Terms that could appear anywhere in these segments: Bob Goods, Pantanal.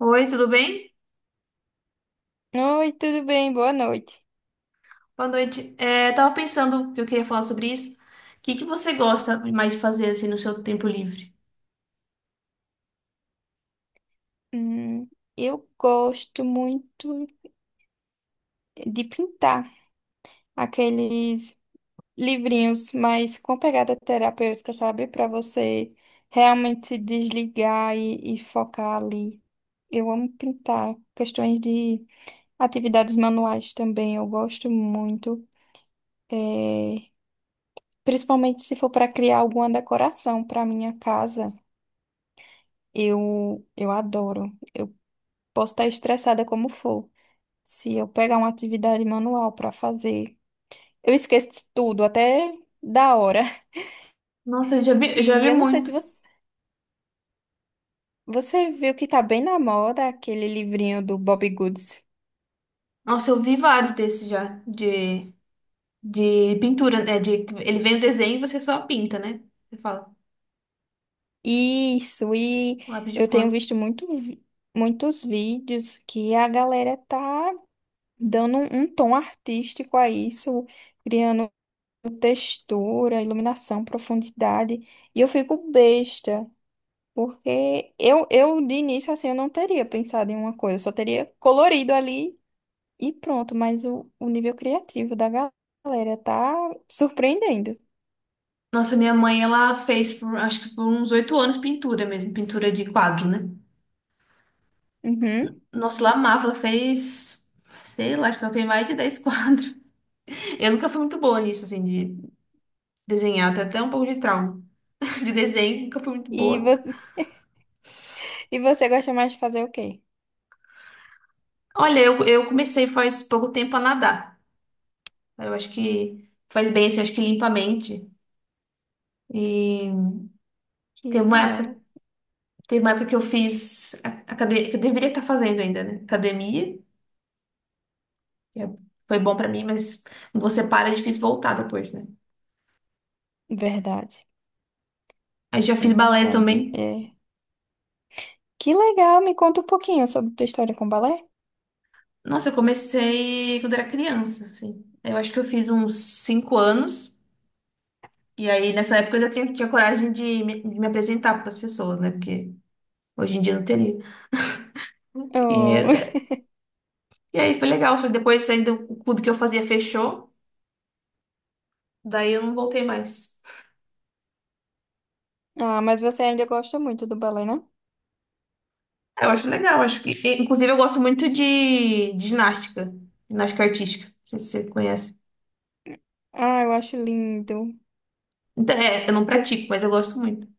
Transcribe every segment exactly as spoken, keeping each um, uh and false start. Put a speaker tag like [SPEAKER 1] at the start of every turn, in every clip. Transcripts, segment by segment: [SPEAKER 1] Oi, tudo bem?
[SPEAKER 2] Oi, tudo bem? Boa noite.
[SPEAKER 1] Boa noite. É, tava pensando que eu queria falar sobre isso. O que que você gosta mais de fazer assim no seu tempo livre?
[SPEAKER 2] Hum, eu gosto muito de pintar aqueles livrinhos, mas com pegada terapêutica, sabe? Para você realmente se desligar e, e focar ali. Eu amo pintar. Questões de atividades manuais também, eu gosto muito. É, principalmente se for para criar alguma decoração para minha casa, eu, eu adoro. Eu posso estar estressada como for. Se eu pegar uma atividade manual para fazer, eu esqueço de tudo, até da hora.
[SPEAKER 1] Nossa, eu já vi, eu já
[SPEAKER 2] E
[SPEAKER 1] vi
[SPEAKER 2] eu não sei se
[SPEAKER 1] muito.
[SPEAKER 2] você, você viu que tá bem na moda aquele livrinho do Bob Goods.
[SPEAKER 1] Nossa, eu vi vários desses já de, de pintura, né? De, ele vem o desenho e você só pinta, né? Você fala,
[SPEAKER 2] Isso, e
[SPEAKER 1] lápis de
[SPEAKER 2] eu tenho
[SPEAKER 1] cor.
[SPEAKER 2] visto muito, vi- muitos vídeos que a galera tá dando um, um tom artístico a isso, criando textura, iluminação, profundidade. E eu fico besta. Porque eu, eu de início, assim, eu não teria pensado em uma coisa, eu só teria colorido ali e pronto, mas o, o nível criativo da ga- galera tá surpreendendo.
[SPEAKER 1] Nossa, minha mãe, ela fez por, acho que por uns oito anos pintura mesmo, pintura de quadro, né?
[SPEAKER 2] Uhum.
[SPEAKER 1] Nossa, ela amava, ela fez, sei lá, acho que ela fez mais de dez quadros. Eu nunca fui muito boa nisso, assim, de desenhar, até até um pouco de trauma de desenho, nunca fui muito
[SPEAKER 2] E
[SPEAKER 1] boa.
[SPEAKER 2] você, e você gosta mais de fazer o quê?
[SPEAKER 1] Olha, eu, eu comecei faz pouco tempo a nadar. Eu acho que faz bem, assim, eu acho que limpa a mente. E
[SPEAKER 2] Que
[SPEAKER 1] teve uma
[SPEAKER 2] legal.
[SPEAKER 1] época, teve uma época que eu fiz academia, que eu deveria estar fazendo ainda, né? Academia, que é- foi bom pra mim, mas quando você para, é difícil voltar depois, né?
[SPEAKER 2] Verdade,
[SPEAKER 1] Aí já
[SPEAKER 2] é
[SPEAKER 1] fiz balé
[SPEAKER 2] verdade.
[SPEAKER 1] também.
[SPEAKER 2] É. Que legal, me conta um pouquinho sobre tua história com o balé.
[SPEAKER 1] Nossa, eu comecei quando era criança, assim. Eu acho que eu fiz uns cinco anos. E aí, nessa época, eu já tinha, tinha coragem de me, de me apresentar para as pessoas, né? Porque hoje em dia eu não teria.
[SPEAKER 2] Oh.
[SPEAKER 1] E, e aí foi legal, só que depois ainda o clube que eu fazia fechou, daí eu não voltei mais.
[SPEAKER 2] Ah, mas você ainda gosta muito do balé, né?
[SPEAKER 1] Eu acho legal, acho que. e, Inclusive, eu gosto muito de, de ginástica, ginástica artística. Não sei se você conhece.
[SPEAKER 2] Ah, eu acho lindo.
[SPEAKER 1] Então, é, eu não pratico, mas eu gosto muito de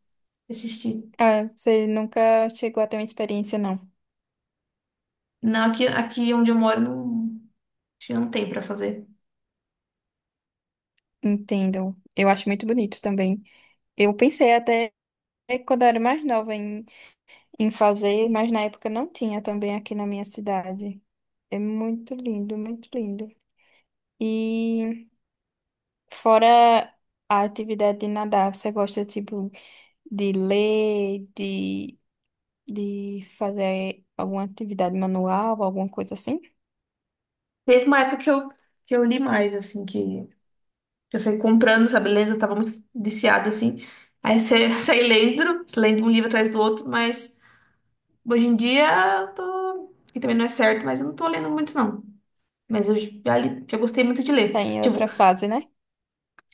[SPEAKER 1] assistir.
[SPEAKER 2] Ah, você nunca chegou a ter uma experiência, não.
[SPEAKER 1] Não, aqui, aqui onde eu moro não, acho que não tem pra fazer.
[SPEAKER 2] Entendo. Eu acho muito bonito também. Eu pensei até quando eu era mais nova em, em fazer, mas na época não tinha também aqui na minha cidade. É muito lindo, muito lindo. E fora a atividade de nadar, você gosta tipo de ler, de de fazer alguma atividade manual, alguma coisa assim?
[SPEAKER 1] Teve uma época que eu, que eu li mais, assim, que, que eu saí comprando, sabe, lendo, eu tava muito viciada, assim. Aí você saí lendo, lendo um livro atrás do outro, mas. Hoje em dia, eu tô, que também não é certo, mas eu não tô lendo muito, não. Mas eu já, li- já gostei muito de ler.
[SPEAKER 2] Tá em
[SPEAKER 1] Tipo,
[SPEAKER 2] outra fase, né?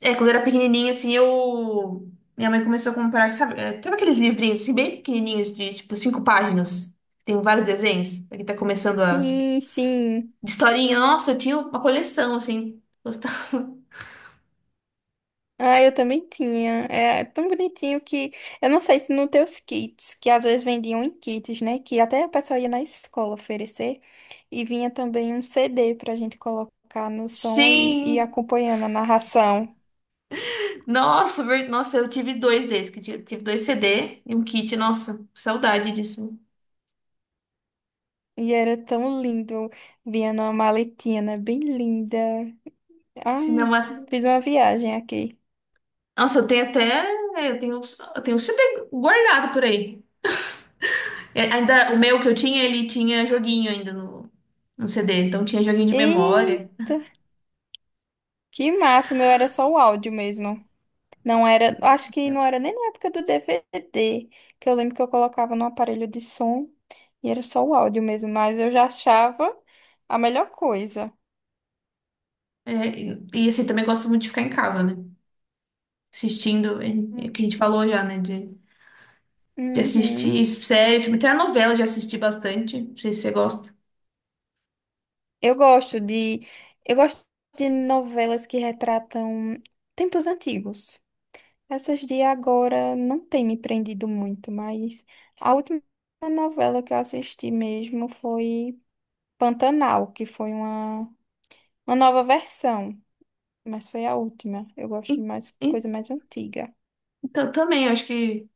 [SPEAKER 1] é, quando eu era pequenininha, assim, eu. Minha mãe começou a comprar, sabe? É, sabe aqueles livrinhos, assim, bem pequenininhos, de, tipo, cinco páginas? Tem vários desenhos. Pra quem tá começando a.
[SPEAKER 2] Sim, sim.
[SPEAKER 1] De historinha. Nossa, eu tinha uma coleção, assim. Gostava.
[SPEAKER 2] Ah, eu também tinha. É é tão bonitinho que. Eu não sei se no teus kits, que às vezes vendiam em kits, né? Que até a pessoa ia na escola oferecer. E vinha também um C D pra gente colocar no som e e ir
[SPEAKER 1] Sim!
[SPEAKER 2] acompanhando a narração.
[SPEAKER 1] Nossa, ver- nossa, eu tive dois desses. Que eu Tive tive dois C D e um kit. Nossa, saudade disso.
[SPEAKER 2] E era tão lindo. Vinha numa maletinha, né? Bem linda. Ai,
[SPEAKER 1] Cinema.
[SPEAKER 2] fiz uma viagem aqui.
[SPEAKER 1] Nossa, eu tenho até. Eu tenho, eu tenho um sempre guardado por aí. É, ainda, o meu que eu tinha, ele tinha joguinho ainda no, no C D, então tinha joguinho de memória.
[SPEAKER 2] Eita, que massa! O meu era só o áudio mesmo. Não era,
[SPEAKER 1] Nossa,
[SPEAKER 2] acho que
[SPEAKER 1] é.
[SPEAKER 2] não era nem na época do D V D, que eu lembro que eu colocava no aparelho de som e era só o áudio mesmo, mas eu já achava a melhor coisa.
[SPEAKER 1] É, e, e assim, também gosto muito de ficar em casa, né? Assistindo, é, é que a gente
[SPEAKER 2] Hum.
[SPEAKER 1] falou já, né? De, de
[SPEAKER 2] Uhum.
[SPEAKER 1] assistir série, filme, até a novela eu já assisti bastante. Não sei se você gosta.
[SPEAKER 2] Eu gosto de, eu gosto de novelas que retratam tempos antigos. Essas de agora não tem me prendido muito, mas a última novela que eu assisti mesmo foi Pantanal, que foi uma, uma nova versão. Mas foi a última. Eu
[SPEAKER 1] E-
[SPEAKER 2] gosto de mais
[SPEAKER 1] e-
[SPEAKER 2] coisa mais antiga.
[SPEAKER 1] Então, também, acho que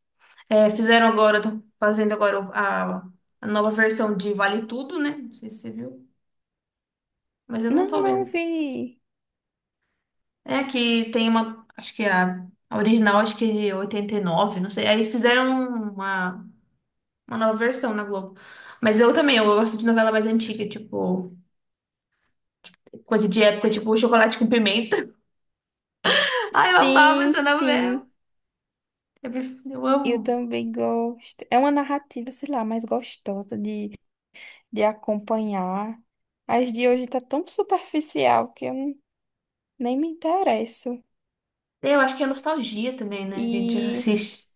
[SPEAKER 1] é, fizeram agora, estão fazendo agora a, a nova versão de Vale Tudo, né? Não sei se você viu, mas eu não
[SPEAKER 2] Não,
[SPEAKER 1] tô
[SPEAKER 2] não
[SPEAKER 1] vendo.
[SPEAKER 2] vi.
[SPEAKER 1] É que tem uma, acho que a, a original acho que é de oitenta e nove não sei. Aí fizeram uma, uma nova versão na Globo. Mas eu também, eu gosto de novela mais antiga, tipo, coisa de época, tipo Chocolate com Pimenta. Ai, eu amava
[SPEAKER 2] Sim,
[SPEAKER 1] essa novela.
[SPEAKER 2] sim.
[SPEAKER 1] Eu, pref- eu
[SPEAKER 2] Eu
[SPEAKER 1] amo.
[SPEAKER 2] também gosto. É uma narrativa, sei lá, mais gostosa de, de acompanhar. As de hoje tá tão superficial que eu não- nem me interesso.
[SPEAKER 1] É, eu acho que é nostalgia também, né, que a gente
[SPEAKER 2] E
[SPEAKER 1] assiste.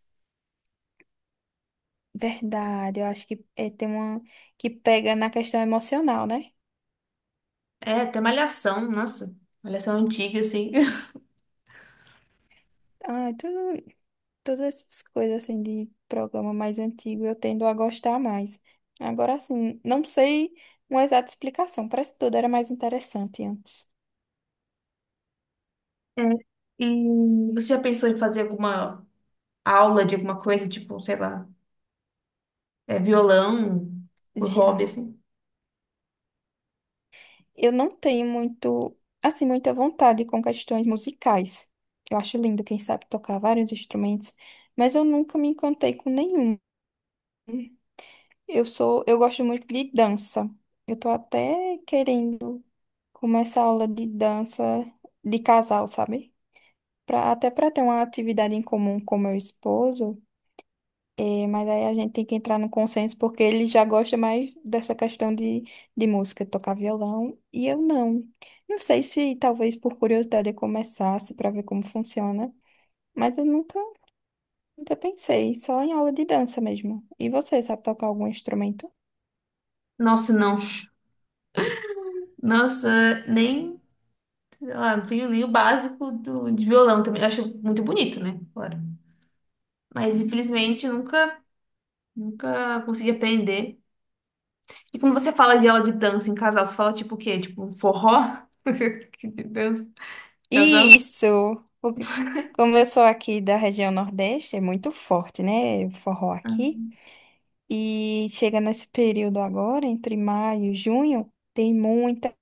[SPEAKER 2] verdade, eu acho que é, tem uma que pega na questão emocional, né?
[SPEAKER 1] É, até Malhação, nossa. Malhação antiga, assim.
[SPEAKER 2] Ai, tu. Todas essas coisas assim de programa mais antigo, eu tendo a gostar mais. Agora assim, não sei uma exata explicação, parece que tudo era mais interessante antes.
[SPEAKER 1] É, e você já pensou em fazer alguma aula de alguma coisa, tipo, sei lá, é, violão por hobby,
[SPEAKER 2] Já
[SPEAKER 1] assim?
[SPEAKER 2] eu não tenho muito, assim, muita vontade com questões musicais. Eu acho lindo, quem sabe tocar vários instrumentos, mas eu nunca me encantei com nenhum. Eu sou, eu gosto muito de dança. Eu tô até querendo começar aula de dança de casal, sabe? Pra- até para ter uma atividade em comum com meu esposo, é, mas aí a gente tem que entrar no consenso porque ele já gosta mais dessa questão de, de música, de tocar violão, e eu não. Não sei se talvez por curiosidade eu começasse para ver como funciona, mas eu nunca, nunca pensei, só em aula de dança mesmo. E você, sabe tocar algum instrumento?
[SPEAKER 1] Nossa, não. Nossa, nem, sei lá, não tenho nem o básico do, de violão também. Eu acho muito bonito, né? Claro. Mas infelizmente eu nunca, nunca consegui aprender. E quando você fala de aula de dança em casal, você fala tipo o quê? Tipo forró? Que de dança, de casal?
[SPEAKER 2] Isso! Porque como eu sou aqui da região Nordeste, é muito forte, né? O forró
[SPEAKER 1] Ah.
[SPEAKER 2] aqui. E chega nesse período agora, entre maio e junho, tem muita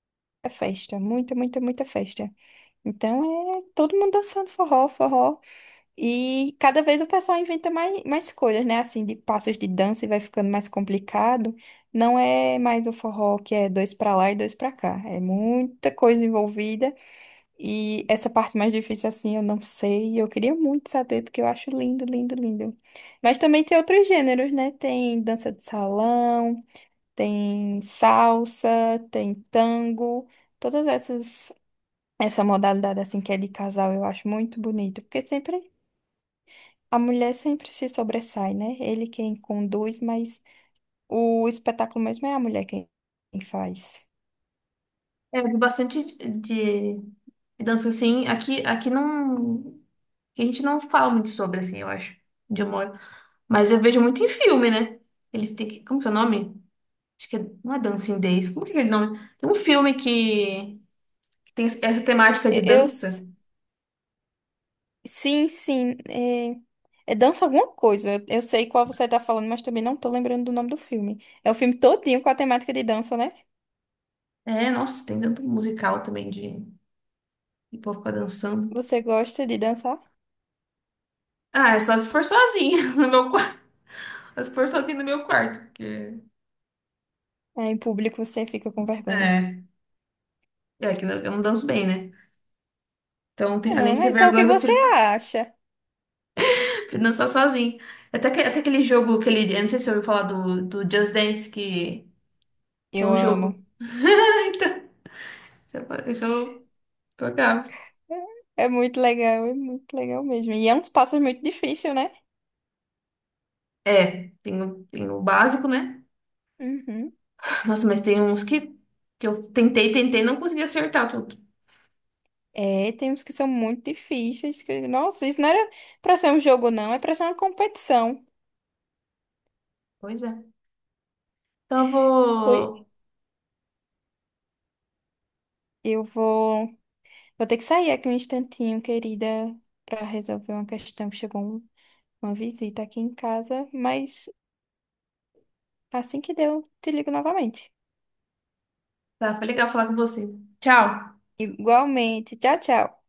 [SPEAKER 2] festa, muita, muita, muita festa. Então é todo mundo dançando forró, forró. E cada vez o pessoal inventa mais, mais coisas, né? Assim, de passos de dança e vai ficando mais complicado. Não é mais o forró que é dois pra lá e dois pra cá. É muita coisa envolvida. E essa parte mais difícil, assim, eu não sei. Eu queria muito saber, porque eu acho lindo, lindo, lindo. Mas também tem outros gêneros, né? Tem dança de salão, tem salsa, tem tango. Todas essas, essa modalidade, assim, que é de casal, eu acho muito bonito. Porque sempre, a mulher sempre se sobressai, né? Ele quem conduz, mas o espetáculo mesmo é a mulher quem quem faz.
[SPEAKER 1] É, eu vi bastante de, de dança assim. Aqui, aqui não. aqui A gente não fala muito sobre, assim, eu acho, onde eu moro. Mas eu vejo muito em filme, né? Ele tem que. Como que é o nome? Acho que é, não é Dancing Days. Como que é aquele nome? Tem um filme que, que tem essa temática de
[SPEAKER 2] E- Eu
[SPEAKER 1] dança.
[SPEAKER 2] Sim, sim. É, é Dança Alguma Coisa. Eu sei qual você tá falando, mas também não tô lembrando do nome do filme. É o filme todinho com a temática de dança, né?
[SPEAKER 1] É, nossa, tem tanto musical também de, de povo ficar dançando.
[SPEAKER 2] Você gosta de dançar?
[SPEAKER 1] Ah, é só se for sozinha no meu quarto. Mas se for sozinha no meu quarto, porque.
[SPEAKER 2] Ah, em público você fica com vergonha.
[SPEAKER 1] É, é que eu não danço bem, né? Então, tem- além
[SPEAKER 2] Não,
[SPEAKER 1] de ter
[SPEAKER 2] mas é o
[SPEAKER 1] vergonha,
[SPEAKER 2] que
[SPEAKER 1] eu
[SPEAKER 2] você
[SPEAKER 1] prefiro,
[SPEAKER 2] acha.
[SPEAKER 1] prefiro dançar sozinha. Até, que, até aquele jogo, aquele, eu não sei se você ouviu falar do, do Just Dance, que, que é
[SPEAKER 2] Eu
[SPEAKER 1] um
[SPEAKER 2] amo.
[SPEAKER 1] jogo. Então, isso eu jogava.
[SPEAKER 2] É muito legal, é muito legal mesmo. E é uns passos muito difícil, né?
[SPEAKER 1] É, tem o, tem o básico, né?
[SPEAKER 2] Uhum.
[SPEAKER 1] Nossa, mas tem uns que, que eu tentei, tentei, não consegui acertar tudo.
[SPEAKER 2] É, tem uns que são muito difíceis. Que- Nossa, isso não era pra ser um jogo, não. É pra ser uma competição.
[SPEAKER 1] Pois é. Então eu
[SPEAKER 2] Foi.
[SPEAKER 1] vou.
[SPEAKER 2] Eu vou. Vou ter que sair aqui um instantinho, querida, para resolver uma questão. Chegou um- uma visita aqui em casa, mas assim que deu, te ligo novamente.
[SPEAKER 1] Tá, foi legal falar com você. Tchau.
[SPEAKER 2] Igualmente. Tchau, tchau.